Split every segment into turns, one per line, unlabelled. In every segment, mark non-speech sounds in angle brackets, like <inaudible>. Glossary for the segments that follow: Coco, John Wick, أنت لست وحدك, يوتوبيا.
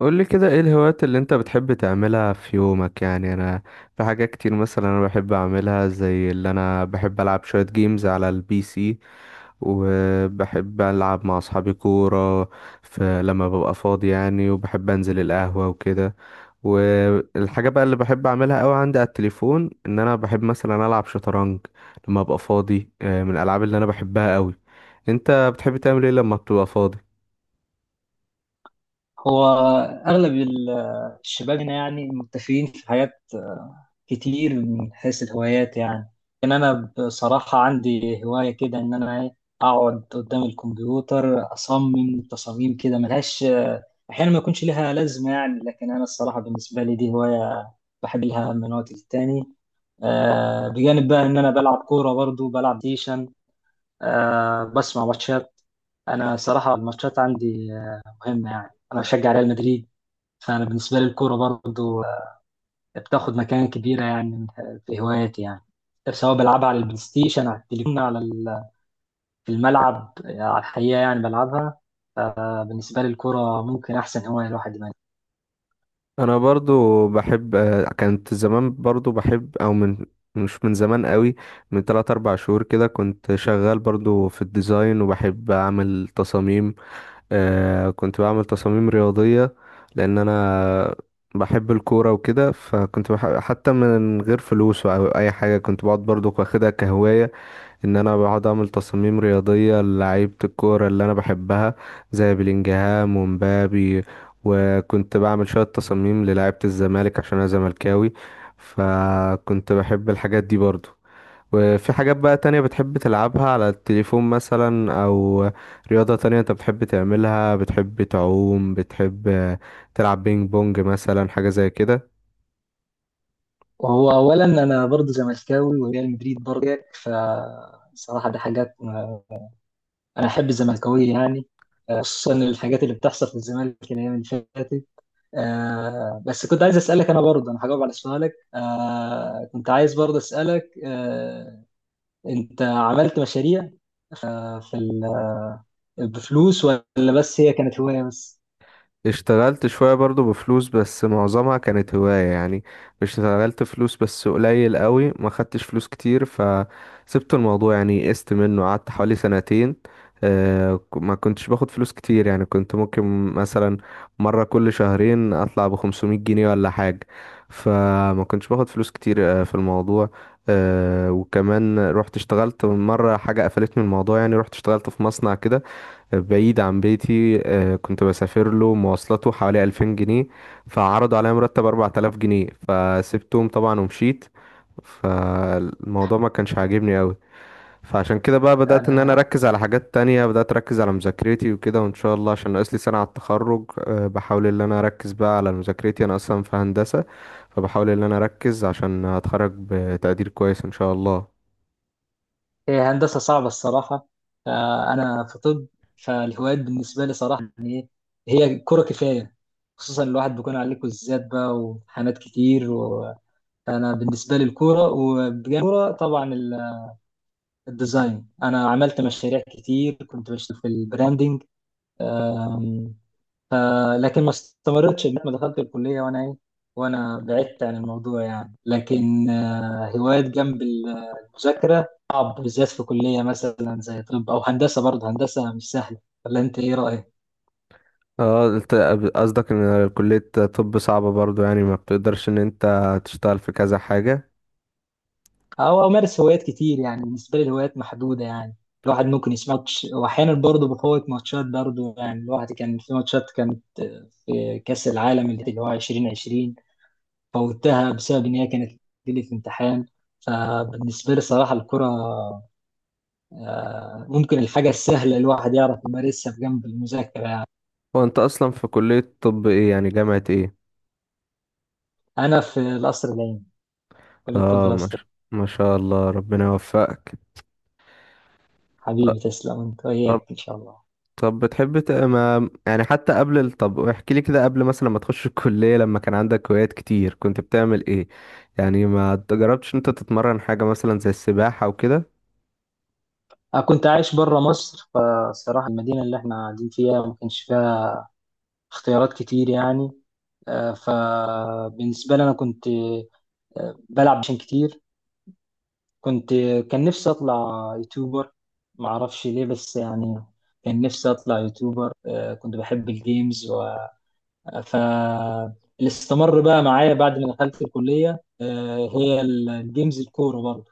قولي كده، ايه الهوايات اللي انت بتحب تعملها في يومك يعني؟ انا في حاجات كتير مثلا انا بحب اعملها، زي اللي انا بحب العب شوية جيمز على البي سي، وبحب العب مع اصحابي كورة في لما ببقى فاضي يعني. وبحب انزل القهوة وكده. والحاجة بقى اللي بحب اعملها قوي عندي على التليفون ان انا بحب مثلا العب شطرنج لما ابقى فاضي، من الالعاب اللي انا بحبها قوي. انت بتحب تعمل ايه لما بتبقى فاضي؟
هو أغلب الشباب هنا يعني متفقين في حاجات كتير من حيث الهوايات يعني. كان أنا بصراحة عندي هواية كده إن أنا إيه أقعد قدام الكمبيوتر أصمم تصاميم كده ملهاش أحيانا ما يكونش لها لازمة يعني، لكن أنا الصراحة بالنسبة لي دي هواية بحب لها من وقت للتاني. بجانب بقى إن أنا بلعب كورة، برضو بلعب ديشن، أه بسمع ماتشات. انا صراحه الماتشات عندي مهمه يعني، انا بشجع ريال مدريد. فانا بالنسبه لي الكوره برضو بتاخد مكان كبيره يعني في هواياتي يعني، سواء بلعبها على البلاي ستيشن، على التليفون، على في الملعب على الحقيقه يعني بلعبها. فبالنسبه لي الكوره ممكن احسن هوايه الواحد يمارسها.
انا برضو بحب، كانت زمان برضو بحب او من، مش من زمان قوي، من 3 4 شهور كده كنت شغال برضو في الديزاين وبحب اعمل تصاميم. آه كنت بعمل تصاميم رياضية لان انا بحب الكورة وكده، فكنت بحب حتى من غير فلوس او اي حاجة. كنت بقعد برضو واخدها كهواية ان انا بقعد اعمل تصاميم رياضيه للعيبه الكوره اللي انا بحبها زي بلينجهام ومبابي. وكنت بعمل شويه تصاميم للعيبه الزمالك عشان انا زملكاوي، فكنت بحب الحاجات دي برضو. وفي حاجات بقى تانية بتحب تلعبها على التليفون مثلا، أو رياضة تانية أنت بتحب تعملها؟ بتحب تعوم؟ بتحب تلعب بينج بونج مثلا حاجة زي كده؟
وهو اولا انا برضو زملكاوي وريال مدريد برضو زيك، فصراحه دي حاجات انا احب الزملكاويه يعني. خصوصا الحاجات اللي بتحصل في الزمالك الايام اللي فاتت. بس كنت عايز اسالك، انا برضه انا هجاوب على سؤالك. كنت عايز برضه اسالك، انت عملت مشاريع في بفلوس، ولا بس هي كانت هوايه بس؟
اشتغلت شوية برضو بفلوس، بس معظمها كانت هواية يعني. مش اشتغلت فلوس، بس قليل قوي ما خدتش فلوس كتير فسبت الموضوع يعني، قست منه، قعدت حوالي سنتين. ما كنتش باخد فلوس كتير يعني، كنت ممكن مثلا مرة كل شهرين اطلع بخمسمية جنيه ولا حاجة، فما كنتش باخد فلوس كتير في الموضوع. وكمان رحت اشتغلت مرة حاجة قفلتني من الموضوع يعني، رحت اشتغلت في مصنع كده بعيد عن بيتي، كنت بسافر له مواصلاته حوالي 2000 جنيه، فعرضوا عليا مرتب 4000 جنيه فسبتهم طبعا ومشيت. فالموضوع ما كانش عاجبني قوي، فعشان كده بقى بدأت ان انا
انا
اركز على حاجات تانية. بدأت اركز على مذاكرتي وكده، وان شاء الله عشان ناقص لي سنة على التخرج، بحاول ان انا اركز بقى على مذاكرتي. انا اصلا في هندسة، فبحاول ان انا اركز عشان اتخرج بتقدير كويس ان شاء الله.
هي هندسه صعبه الصراحه، فانا في طب. فالهوايات بالنسبه لي صراحه يعني هي كره كفايه، خصوصا الواحد بيكون عليك كويزات بقى وامتحانات كتير فانا بالنسبه لي الكوره، وبجانب الكوره طبعا الديزاين. انا عملت مشاريع كتير، كنت بشتغل في البراندنج. أم، ف- لكن ما استمرتش لغاية ما دخلت الكليه، وانا ايه وانا بعدت عن الموضوع يعني. لكن هوايات جنب المذاكره صعب، بالذات في كليه مثلا زي طب او هندسه، برضه هندسه مش سهله. ولا انت ايه رايك؟
اه انت قصدك ان كلية طب صعبة برضو، يعني ما بتقدرش ان انت تشتغل في كذا حاجة؟
او امارس هوايات كتير يعني، بالنسبه لي الهوايات محدوده يعني. الواحد ممكن يسمع ماتش، واحيانا برضه بفوت ماتشات برضه يعني. الواحد كان في ماتشات، كان في كاس العالم اللي هو 2020 فوتها بسبب ان هي كانت لي في امتحان. فبالنسبه لي صراحه الكره ممكن الحاجه السهله الواحد يعرف يمارسها في جنب المذاكره يعني.
هو انت اصلا في كلية طب ايه يعني؟ جامعة ايه؟
انا في القصر العيني، كليه الطب
اه، ما
الازهري.
شاء، ما شاء الله، ربنا يوفقك.
حبيبي تسلم، انت
طب،
وياك ان شاء الله.
طب بتحب ما يعني حتى قبل طب احكي لي كده، قبل مثلا ما تخش الكلية لما كان عندك هوايات كتير كنت بتعمل ايه؟ يعني ما جربتش انت تتمرن حاجة مثلا زي السباحة وكده؟
انا كنت عايش بره مصر، فالصراحه المدينه اللي احنا قاعدين فيها ما كانش فيها اختيارات كتير يعني. فبالنسبه لي انا كنت بلعب عشان كتير. كنت كان نفسي اطلع يوتيوبر، ما اعرفش ليه بس يعني. كان نفسي اطلع يوتيوبر، كنت بحب الجيمز ف اللي استمر بقى معايا بعد ما دخلت الكلية هي الجيمز، الكورة برضه.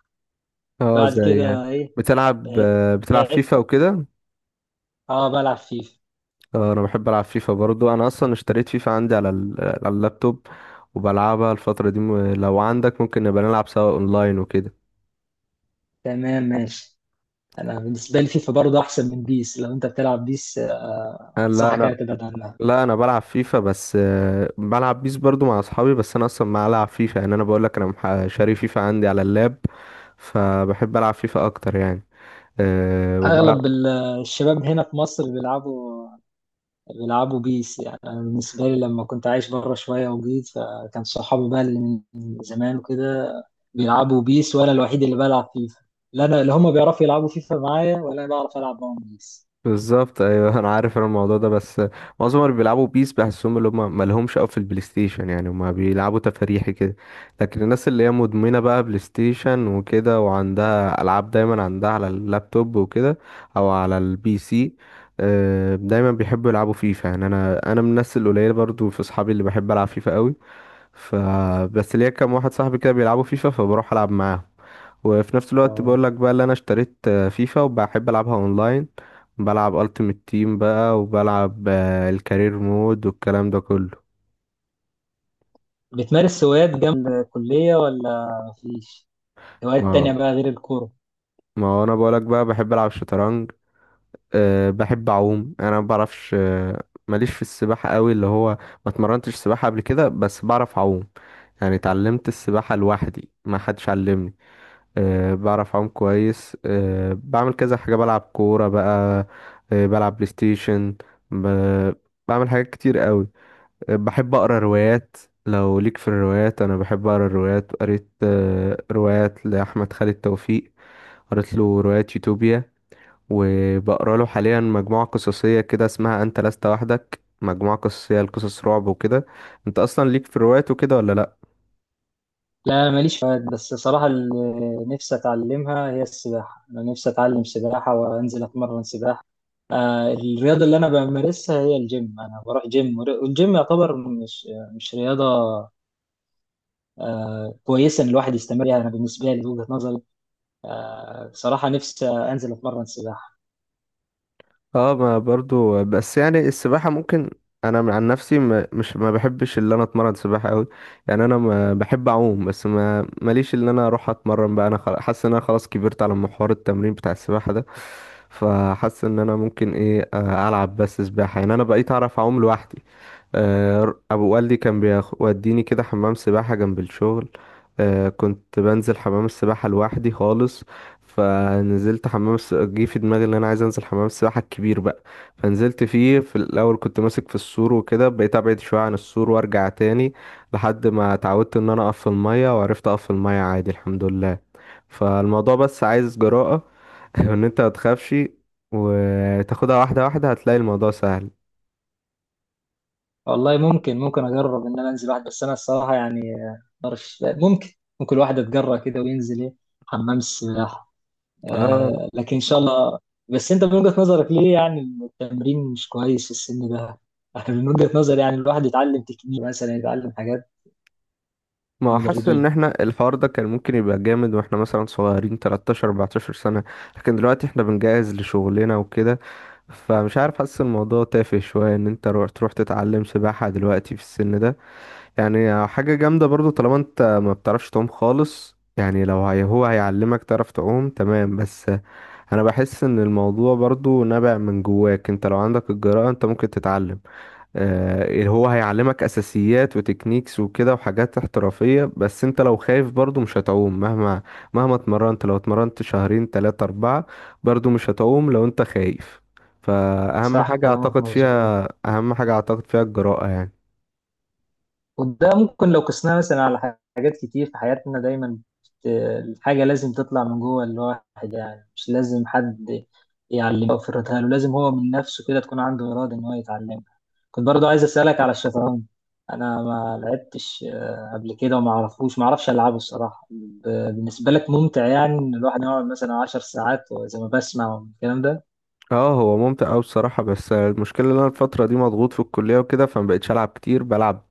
اه
بعد
زي،
كده ايه؟
بتلعب،
بعت
بتلعب
بعت.
فيفا وكده؟
اه بلعب فيفا.
انا بحب العب فيفا برضو، انا اصلا اشتريت فيفا عندي على على اللابتوب، وبلعبها الفترة دي. لو عندك ممكن نبقى نلعب سوا اونلاين وكده.
تمام ماشي. انا بالنسبة لي فيفا برضه احسن من بيس. لو انت بتلعب بيس
انا، لا
انصحك
انا،
يعني تبعد عنها.
لا انا بلعب فيفا بس. بلعب بيس برضو مع اصحابي، بس انا اصلا ما العب فيفا يعني، انا بقول لك انا شاري فيفا عندي على اللاب، فبحب العب فيفا اكتر يعني. أه وبلعب
اغلب الشباب هنا في مصر بيلعبوا بيس يعني. أنا بالنسبة لي لما كنت عايش بره شوية وجيت، فكان صحابي بقى اللي من زمان وكده بيلعبوا بيس، وأنا الوحيد اللي بلعب فيفا. لا أنا اللي هما بيعرفوا يلعبوا فيفا معايا، ولا أنا بعرف ألعب معاهم بيس.
بالظبط، ايوه <laughs> انا عارف انا الموضوع ده. بس معظم اللي بيلعبوا بيس بحسهم اللي هم مالهمش قوي في البلاي ستيشن يعني، هم بيلعبوا تفاريحي كده. لكن الناس اللي هي مدمنه بقى بلاي ستيشن وكده، وعندها العاب دايما عندها على اللابتوب وكده او على البي سي، دايما بيحبوا يلعبوا فيفا يعني. انا من الناس القليله برضو في اصحابي اللي بحب العب فيفا قوي، فبس ليا كام واحد صاحبي كده بيلعبوا فيفا فبروح العب معاهم. وفي نفس الوقت
ف-
بقول لك بقى اللي انا اشتريت فيفا وبحب العبها اونلاين، بلعب التيمت تيم بقى وبلعب الكارير مود والكلام ده كله.
بتمارس هوايات جنب الكلية ولا مفيش؟ هوايات تانية
ما
بقى غير الكورة؟
ما هو انا بقول لك بقى بحب العب شطرنج. أه بحب اعوم يعني، انا ما بعرفش، ماليش في السباحة قوي، اللي هو ما اتمرنتش سباحة قبل كده، بس بعرف اعوم يعني، اتعلمت السباحة لوحدي، ما حدش علمني. أه بعرف أعوم كويس. أه بعمل كذا حاجة، بلعب كورة بقى، أه بلعب بلاي ستيشن، ب... بعمل حاجات كتير قوي. أه بحب أقرأ روايات. لو ليك في الروايات، أنا بحب أقرأ الروايات. قريت أه روايات لأحمد خالد توفيق، قريت له رواية يوتوبيا، وبقرأ له حاليا مجموعة قصصية كده اسمها أنت لست وحدك، مجموعة قصصية لقصص رعب وكده. أنت أصلا ليك في الروايات وكده ولا لأ؟
لا ماليش فوائد، بس صراحة اللي نفسي أتعلمها هي السباحة. أنا نفسي أتعلم سباحة وأنزل أتمرن سباحة. الرياضة اللي أنا بمارسها هي الجيم، أنا بروح جيم، والجيم يعتبر مش رياضة. كويسة إن الواحد يستمر يعني، أنا بالنسبة لي وجهة نظري. صراحة نفسي أنزل أتمرن سباحة.
اه ما برضو، بس يعني السباحة ممكن، انا من عن نفسي ما مش ما بحبش اللي انا اتمرن سباحة قوي. يعني انا ما بحب اعوم، بس ما ماليش اللي انا اروح اتمرن بقى. انا حاسس ان انا خلاص كبرت على محور التمرين بتاع السباحة ده، فحاسس ان انا ممكن ايه، العب بس سباحة يعني. انا بقيت اعرف اعوم لوحدي، ابو والدي كان بيوديني كده حمام سباحة جنب الشغل، كنت بنزل حمام السباحة لوحدي خالص. فنزلت حمام جه في دماغي ان انا عايز انزل حمام السباحة الكبير بقى. فنزلت فيه، في الاول كنت ماسك في السور وكده، بقيت ابعد شوية عن السور وارجع تاني لحد ما اتعودت ان انا اقف في المية، وعرفت اقف في المية عادي الحمد لله. فالموضوع بس عايز جراءة <laughs> وان انت متخافش، وتاخدها واحدة واحدة هتلاقي الموضوع سهل.
والله ممكن أجرب إن أنا أنزل واحد. بس أنا الصراحة يعني ممكن الواحد يتجرأ كده وينزل حمام السباحة.
اه،
لكن ان شاء الله. بس انت من وجهة نظرك ليه يعني التمرين مش كويس في السن ده؟ انا من وجهة نظري يعني الواحد يتعلم تكنيك مثلا، يتعلم حاجات،
ما هو حاسس ان
مدربين.
احنا الحوار ده كان ممكن يبقى جامد واحنا مثلا صغيرين 13 14 سنة، لكن دلوقتي احنا بنجهز لشغلنا وكده، فمش عارف، حاسس الموضوع تافه شوية ان انت تروح تتعلم سباحة دلوقتي في السن ده. يعني حاجة جامدة برضو طالما انت ما بتعرفش تعوم خالص يعني، لو هي هو هيعلمك تعرف تعوم تمام. بس انا بحس ان الموضوع برضو نابع من جواك، انت لو عندك الجرأة انت ممكن تتعلم، اللي هو هيعلمك اساسيات وتكنيكس وكده وحاجات احترافية. بس انت لو خايف برضو مش هتعوم مهما اتمرنت، لو اتمرنت شهرين تلاتة اربعة برضو مش هتعوم لو انت خايف. فاهم
صح
حاجة
كلامك
اعتقد
مظبوط.
فيها، اهم حاجة اعتقد فيها الجراءة يعني.
وده ممكن لو قسناه مثلا على حاجات كتير في حياتنا دايما. بت- الحاجة لازم تطلع من جوه الواحد يعني، مش لازم حد يعلمه أو يفرضها له. لازم هو من نفسه كده تكون عنده إرادة إن هو يتعلمها. كنت برضو عايز أسألك على الشطرنج. أنا ما لعبتش قبل كده، وما أعرفوش ما أعرفش ألعبه الصراحة. بالنسبة لك ممتع يعني إن الواحد يقعد مثلا 10 ساعات، وزي ما بسمع والكلام ده؟
اه هو ممتع اوي بصراحة، بس المشكلة ان انا الفترة دي مضغوط في الكلية وكده، فمبقتش العب كتير. بلعب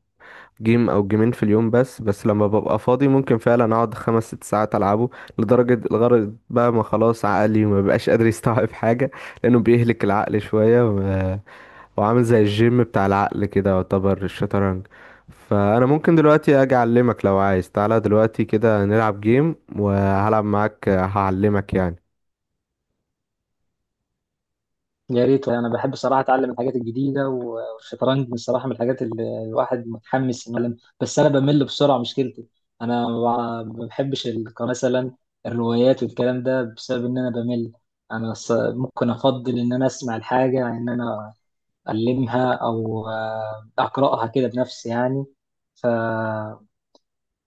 جيم او جيمين في اليوم بس، بس لما ببقى فاضي ممكن فعلا اقعد 5-6 ساعات العبه، لدرجة الغرض بقى ما خلاص عقلي ما بقاش قادر يستوعب حاجة لانه بيهلك العقل شوية وعامل زي الجيم بتاع العقل كده يعتبر الشطرنج. فانا ممكن دلوقتي اجي اعلمك لو عايز، تعالى دلوقتي كده نلعب جيم وهلعب معاك هعلمك يعني.
يا ريت والله، انا بحب الصراحه اتعلم الحاجات الجديده، والشطرنج الصراحه من الحاجات اللي الواحد متحمس انه يتعلم. بس انا بمل بسرعه، مشكلتي انا ما بحبش مثلا الروايات والكلام ده بسبب ان انا بمل. انا ممكن افضل ان انا اسمع الحاجه عن ان انا المها، او اقراها كده بنفسي يعني. ف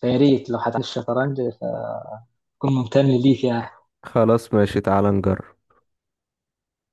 فيا ريت لو هتعلم الشطرنج، فكون ممتن ليك يعني.
خلاص ماشي، تعالى نجرب.